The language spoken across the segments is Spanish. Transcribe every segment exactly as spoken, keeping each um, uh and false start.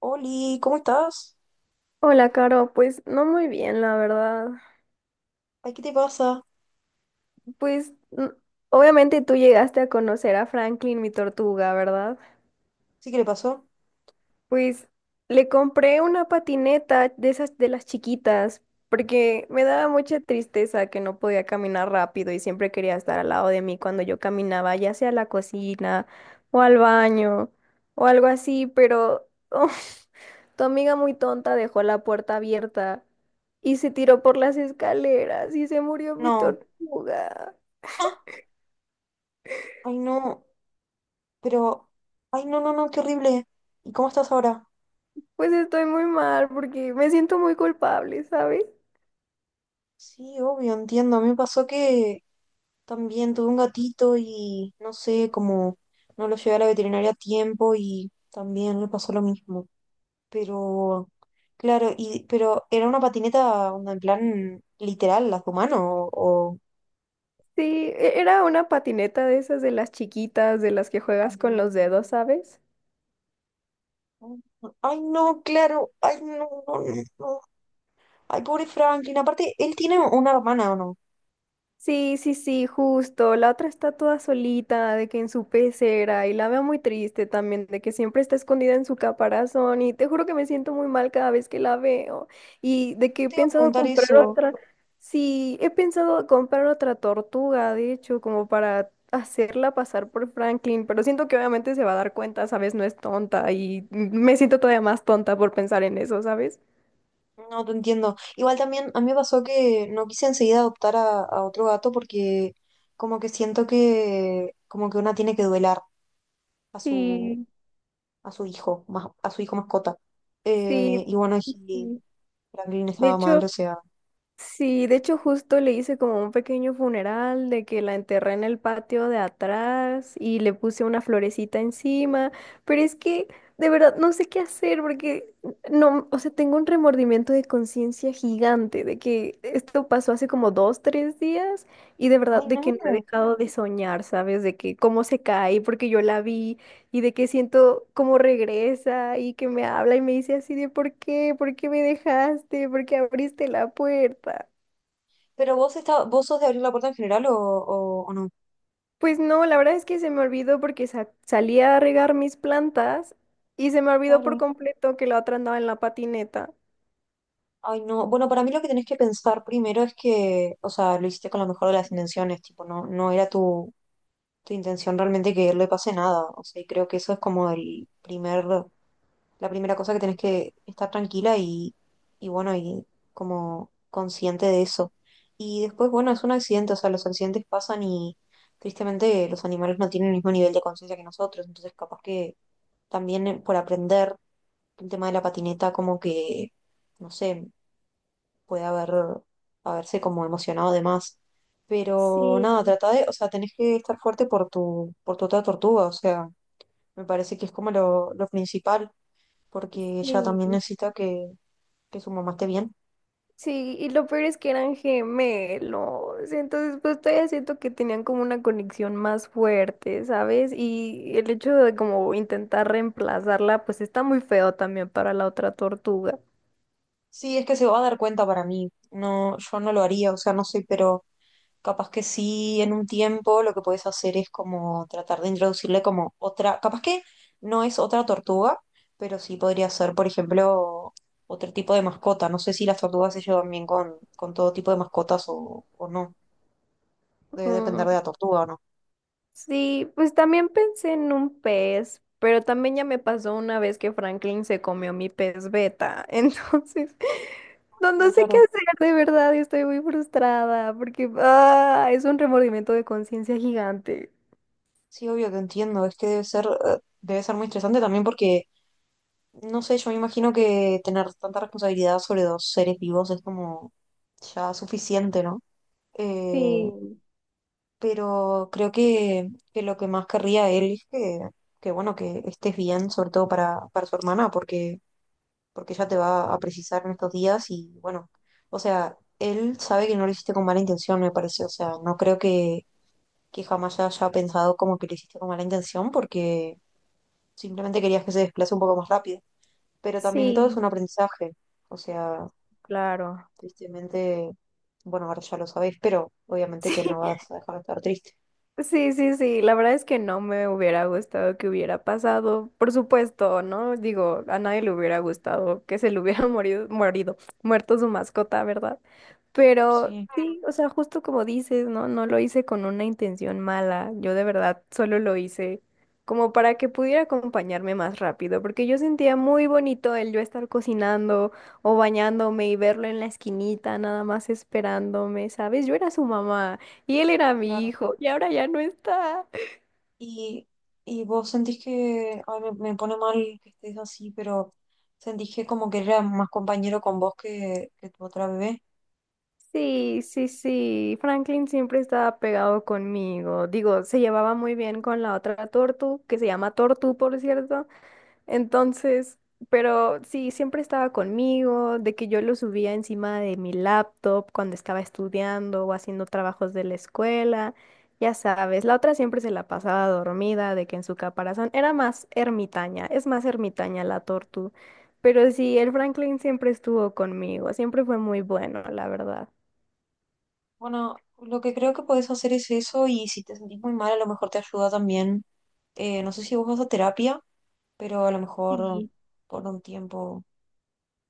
Oli, ¿cómo estás? Hola, Caro, pues no muy bien, la verdad. Ay, ¿qué te pasa? Pues n- Obviamente tú llegaste a conocer a Franklin, mi tortuga, ¿verdad? ¿Sí que le pasó? Pues le compré una patineta de esas de las chiquitas, porque me daba mucha tristeza que no podía caminar rápido y siempre quería estar al lado de mí cuando yo caminaba, ya sea a la cocina o al baño o algo así, pero Tu amiga muy tonta dejó la puerta abierta y se tiró por las escaleras y se murió mi No. tortuga. ¡Ah! Ay, no, pero... Ay, no, no, no, qué horrible. ¿Y cómo estás ahora? Pues estoy muy mal porque me siento muy culpable, ¿sabes? Sí, obvio, entiendo. A mí me pasó que también tuve un gatito y no sé, como no lo llevé a la veterinaria a tiempo y también le pasó lo mismo. Pero, claro, y pero era una patineta onda, en plan literal, las de humano o... Sí, e- era una patineta de esas de las chiquitas, de las que juegas con los dedos, ¿sabes? o- Ay, no, claro, ay, no, no, no, no. Ay, pobre Franklin. Aparte, él tiene una hermana, ¿o no? Sí, sí, sí, justo. La otra está toda solita, de que en su pecera, y la veo muy triste también, de que siempre está escondida en su caparazón, y te juro que me siento muy mal cada vez que la veo, y de que he Te iba a pensado preguntar comprar eso. otra, sí, he pensado comprar otra tortuga, de hecho, como para hacerla pasar por Franklin, pero siento que obviamente se va a dar cuenta, ¿sabes? No es tonta, y me siento todavía más tonta por pensar en eso, ¿sabes? No, te entiendo. Igual también a mí me pasó que no quise enseguida adoptar a, a otro gato porque como que siento que como que una tiene que duelar a su Sí, a su hijo, más, a su hijo mascota. sí. Eh, y bueno, y Sí. Franklin De estaba mal, hecho... o sea. Sí, de hecho justo le hice como un pequeño funeral de que la enterré en el patio de atrás y le puse una florecita encima, pero es que de verdad no sé qué hacer porque no, o sea, tengo un remordimiento de conciencia gigante de que esto pasó hace como dos, tres días y de verdad Ay, de que no he no. dejado de soñar, ¿sabes? De que cómo se cae porque yo la vi y de que siento como regresa y que me habla y me dice así de ¿por qué? ¿Por qué me dejaste? ¿Por qué abriste la puerta? Pero vos está, vos sos de abrir la puerta en general o, o, o no. Pues no, la verdad es que se me olvidó porque sa- salí a regar mis plantas y se me olvidó por Claro. completo que la otra andaba en la patineta. Ay, no. Bueno, para mí lo que tenés que pensar primero es que, o sea, lo hiciste con la mejor de las intenciones, tipo, no, no era tu, tu intención realmente que le pase nada. O sea, y creo que eso es como el primer, la primera cosa que tenés que estar tranquila y, y bueno, y como consciente de eso. Y después, bueno, es un accidente, o sea, los accidentes pasan y tristemente los animales no tienen el mismo nivel de conciencia que nosotros, entonces capaz que también eh, por aprender el tema de la patineta, como que, no sé, puede haber, haberse como emocionado de más. Pero nada, Sí, trata de, o sea, tenés que estar fuerte por tu, por tu otra tortuga, o sea, me parece que es como lo, lo principal, porque ella también sí. necesita que, que su mamá esté bien. Sí, y lo peor es que eran gemelos, entonces pues todavía siento que tenían como una conexión más fuerte, ¿sabes? Y el hecho de como intentar reemplazarla, pues está muy feo también para la otra tortuga. Sí, es que se va a dar cuenta para mí, no, yo no lo haría, o sea, no sé, pero capaz que sí, en un tiempo lo que puedes hacer es como tratar de introducirle como otra, capaz que no es otra tortuga, pero sí podría ser, por ejemplo, otro tipo de mascota. No sé si las tortugas se llevan bien con, con todo tipo de mascotas o, o no. Debe depender Mm, de la tortuga o no. sí, pues también pensé en un pez, pero también ya me pasó una vez que Franklin se comió mi pez beta, entonces no, Mm, no sé qué claro, hacer, de verdad, y estoy muy frustrada porque ah, es un remordimiento de conciencia gigante. sí, obvio que entiendo. Es que debe ser, eh, debe ser muy estresante también porque, no sé, yo me imagino que tener tanta responsabilidad sobre dos seres vivos es como ya suficiente, ¿no? Eh, Sí. pero creo que, que lo que más querría él es que, que, bueno, que estés bien, sobre todo para, para su hermana, porque, porque ella te va a precisar en estos días y bueno, o sea, él sabe que no lo hiciste con mala intención, me parece, o sea, no creo que, que jamás haya pensado como que lo hiciste con mala intención, porque simplemente querías que se desplace un poco más rápido, pero también todo es Sí, un aprendizaje, o sea, claro. tristemente, bueno, ahora ya lo sabéis, pero obviamente Sí, que no vas a dejar de estar triste. sí, sí, sí, la verdad es que no me hubiera gustado que hubiera pasado, por supuesto, ¿no? Digo, a nadie le hubiera gustado que se le hubiera morido, morido, muerto su mascota, ¿verdad? Pero Sí, sí, o sea, justo como dices, ¿no? No lo hice con una intención mala, yo de verdad solo lo hice como para que pudiera acompañarme más rápido, porque yo sentía muy bonito el yo estar cocinando o bañándome y verlo en la esquinita, nada más esperándome, ¿sabes? Yo era su mamá. Y él era mi claro. hijo y ahora ya no está. Y, y vos sentís que, ay, me, me pone mal que estés así, pero sentís que como que él era más compañero con vos que, que tu otra bebé. Sí, sí, sí. Franklin siempre estaba pegado conmigo. Digo, se llevaba muy bien con la otra tortu, que se llama Tortu, por cierto. Entonces, pero sí, siempre estaba conmigo, de que yo lo subía encima de mi laptop cuando estaba estudiando o haciendo trabajos de la escuela, ya sabes, la otra siempre se la pasaba dormida, de que en su caparazón era más ermitaña, es más ermitaña la tortu, pero sí, el Franklin siempre estuvo conmigo, siempre fue muy bueno, la verdad. Bueno, lo que creo que podés hacer es eso y si te sentís muy mal, a lo mejor te ayuda también. Eh, no sé si vos vas a terapia, pero a lo mejor Sí. por un tiempo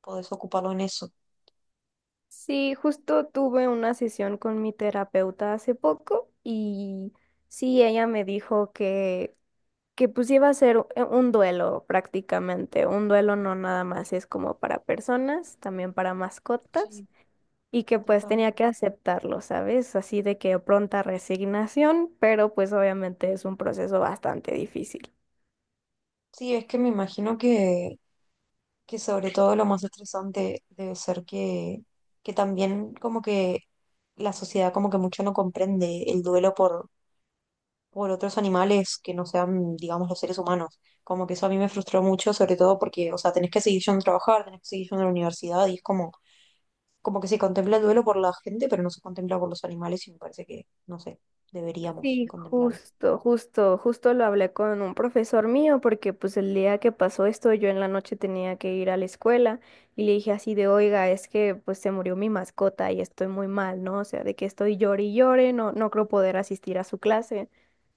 podés ocuparlo en eso. Sí, justo tuve una sesión con mi terapeuta hace poco y sí, ella me dijo que que pues iba a ser u- eh, un duelo prácticamente, un duelo no nada más es como para personas, también para mascotas, Sí, y que pues total. tenía que aceptarlo, ¿sabes? Así de que pronta resignación, pero pues obviamente es un proceso bastante difícil. Sí, es que me imagino que, que sobre todo lo más estresante debe ser que, que también como que la sociedad como que mucho no comprende el duelo por, por otros animales que no sean, digamos, los seres humanos. Como que eso a mí me frustró mucho, sobre todo porque, o sea, tenés que seguir yendo a trabajar, tenés que seguir yendo a la universidad y es como, como que se contempla el duelo por la gente, pero no se contempla por los animales y me parece que, no sé, deberíamos Y contemplarlo. justo, justo, justo lo hablé con un profesor mío porque pues el día que pasó esto yo en la noche tenía que ir a la escuela y le dije así de, oiga, es que pues se murió mi mascota y estoy muy mal, ¿no? O sea, de que estoy llore y llore, no, no creo poder asistir a su clase.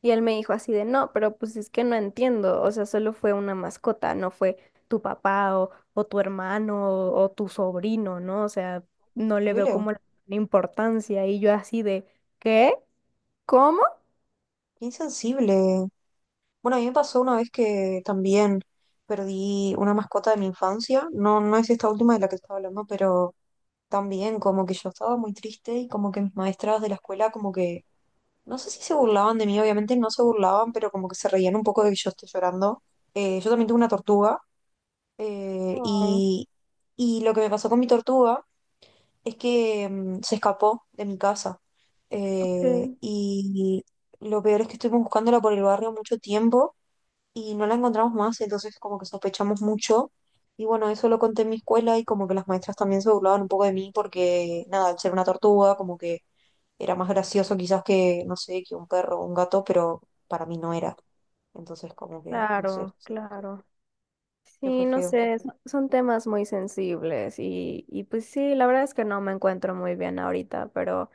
Y él me dijo así de, no, pero pues es que no entiendo, o sea, solo fue una mascota, no fue tu papá o, o tu hermano o, o tu sobrino, ¿no? O sea, no le veo ¿Sensible? como la importancia y yo así de, ¿qué? ¿Cómo? Qué insensible. Bueno, a mí me pasó una vez que también perdí una mascota de mi infancia. No, no es esta última de la que estaba hablando, pero también como que yo estaba muy triste y como que mis maestras de la escuela como que, no sé si se burlaban de mí, obviamente no se burlaban, pero como que se reían un poco de que yo esté llorando. Eh, yo también tuve una tortuga eh, Oh, y, y lo que me pasó con mi tortuga es que mm, se escapó de mi casa. Eh, ok, Y lo peor es que estuvimos buscándola por el barrio mucho tiempo y no la encontramos más, entonces como que sospechamos mucho. Y bueno, eso lo conté en mi escuela y como que las maestras también se burlaban un poco de mí porque, nada, al ser una tortuga, como que era más gracioso quizás que, no sé, que un perro o un gato, pero para mí no era. Entonces como que, no sé, claro, sí, que, claro. que fue Sí, no feo. sé, son son temas muy sensibles y, y pues sí, la verdad es que no me encuentro muy bien ahorita, pero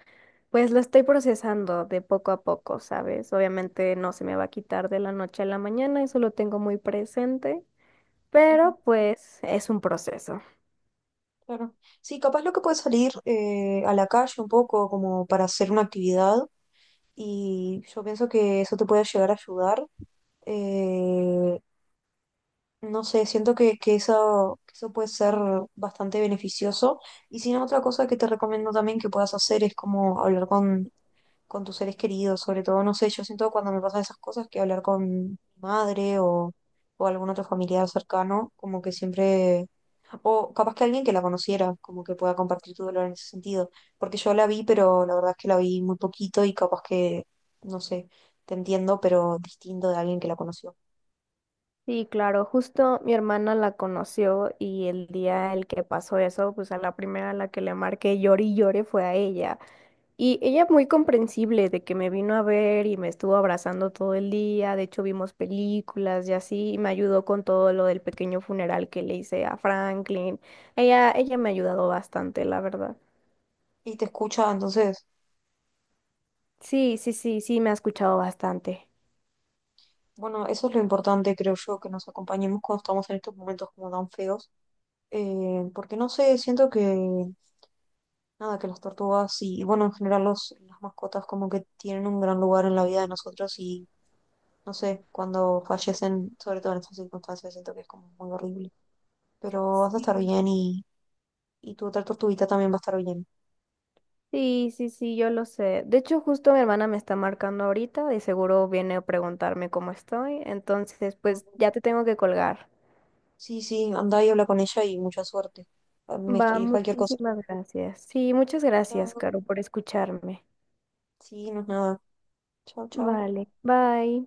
pues lo estoy procesando de poco a poco, ¿sabes? Obviamente no se me va a quitar de la noche a la mañana, eso lo tengo muy presente, Ujú, pero pues es un proceso. claro. Sí, capaz lo que puede salir eh, a la calle un poco como para hacer una actividad y yo pienso que eso te puede llegar a ayudar. Eh, No sé, siento que, que eso, que eso puede ser bastante beneficioso. Y si no, otra cosa que te recomiendo también que puedas hacer es como hablar con, con tus seres queridos, sobre todo, no sé, yo siento que cuando me pasan esas cosas que hablar con mi madre o, o algún otro familiar cercano, como que siempre, o capaz que alguien que la conociera, como que pueda compartir tu dolor en ese sentido. Porque yo la vi, pero la verdad es que la vi muy poquito y capaz que, no sé, te entiendo, pero distinto de alguien que la conoció. Sí, claro, justo mi hermana la conoció y el día el que pasó eso, pues a la primera a la que le marqué lloré y lloré fue a ella. Y ella muy comprensible de que me vino a ver y me estuvo abrazando todo el día, de hecho vimos películas y así, y me ayudó con todo lo del pequeño funeral que le hice a Franklin. Ella, ella me ha ayudado bastante, la verdad. Y te escucha, entonces Sí, sí, sí, sí, me ha escuchado bastante. bueno, eso es lo importante, creo yo, que nos acompañemos cuando estamos en estos momentos como tan feos. Eh, porque no sé, siento que, nada, que las tortugas y, y bueno, en general los, las mascotas como que tienen un gran lugar en la vida de nosotros y, no sé, cuando fallecen, sobre todo en estas circunstancias, siento que es como muy horrible. Pero vas a Sí. estar bien y, y tu otra tortuguita también va a estar bien. Sí, sí, sí, yo lo sé. De hecho, justo mi hermana me está marcando ahorita, de seguro viene a preguntarme cómo estoy, entonces pues ya te tengo que colgar. Sí, sí, anda y habla con ella y mucha suerte. Ah, me Va, escribís cualquier cosa. muchísimas gracias. Sí, muchas gracias, Chao. Caro, por escucharme. Sí, no es nada. Chao, chao. Vale, bye.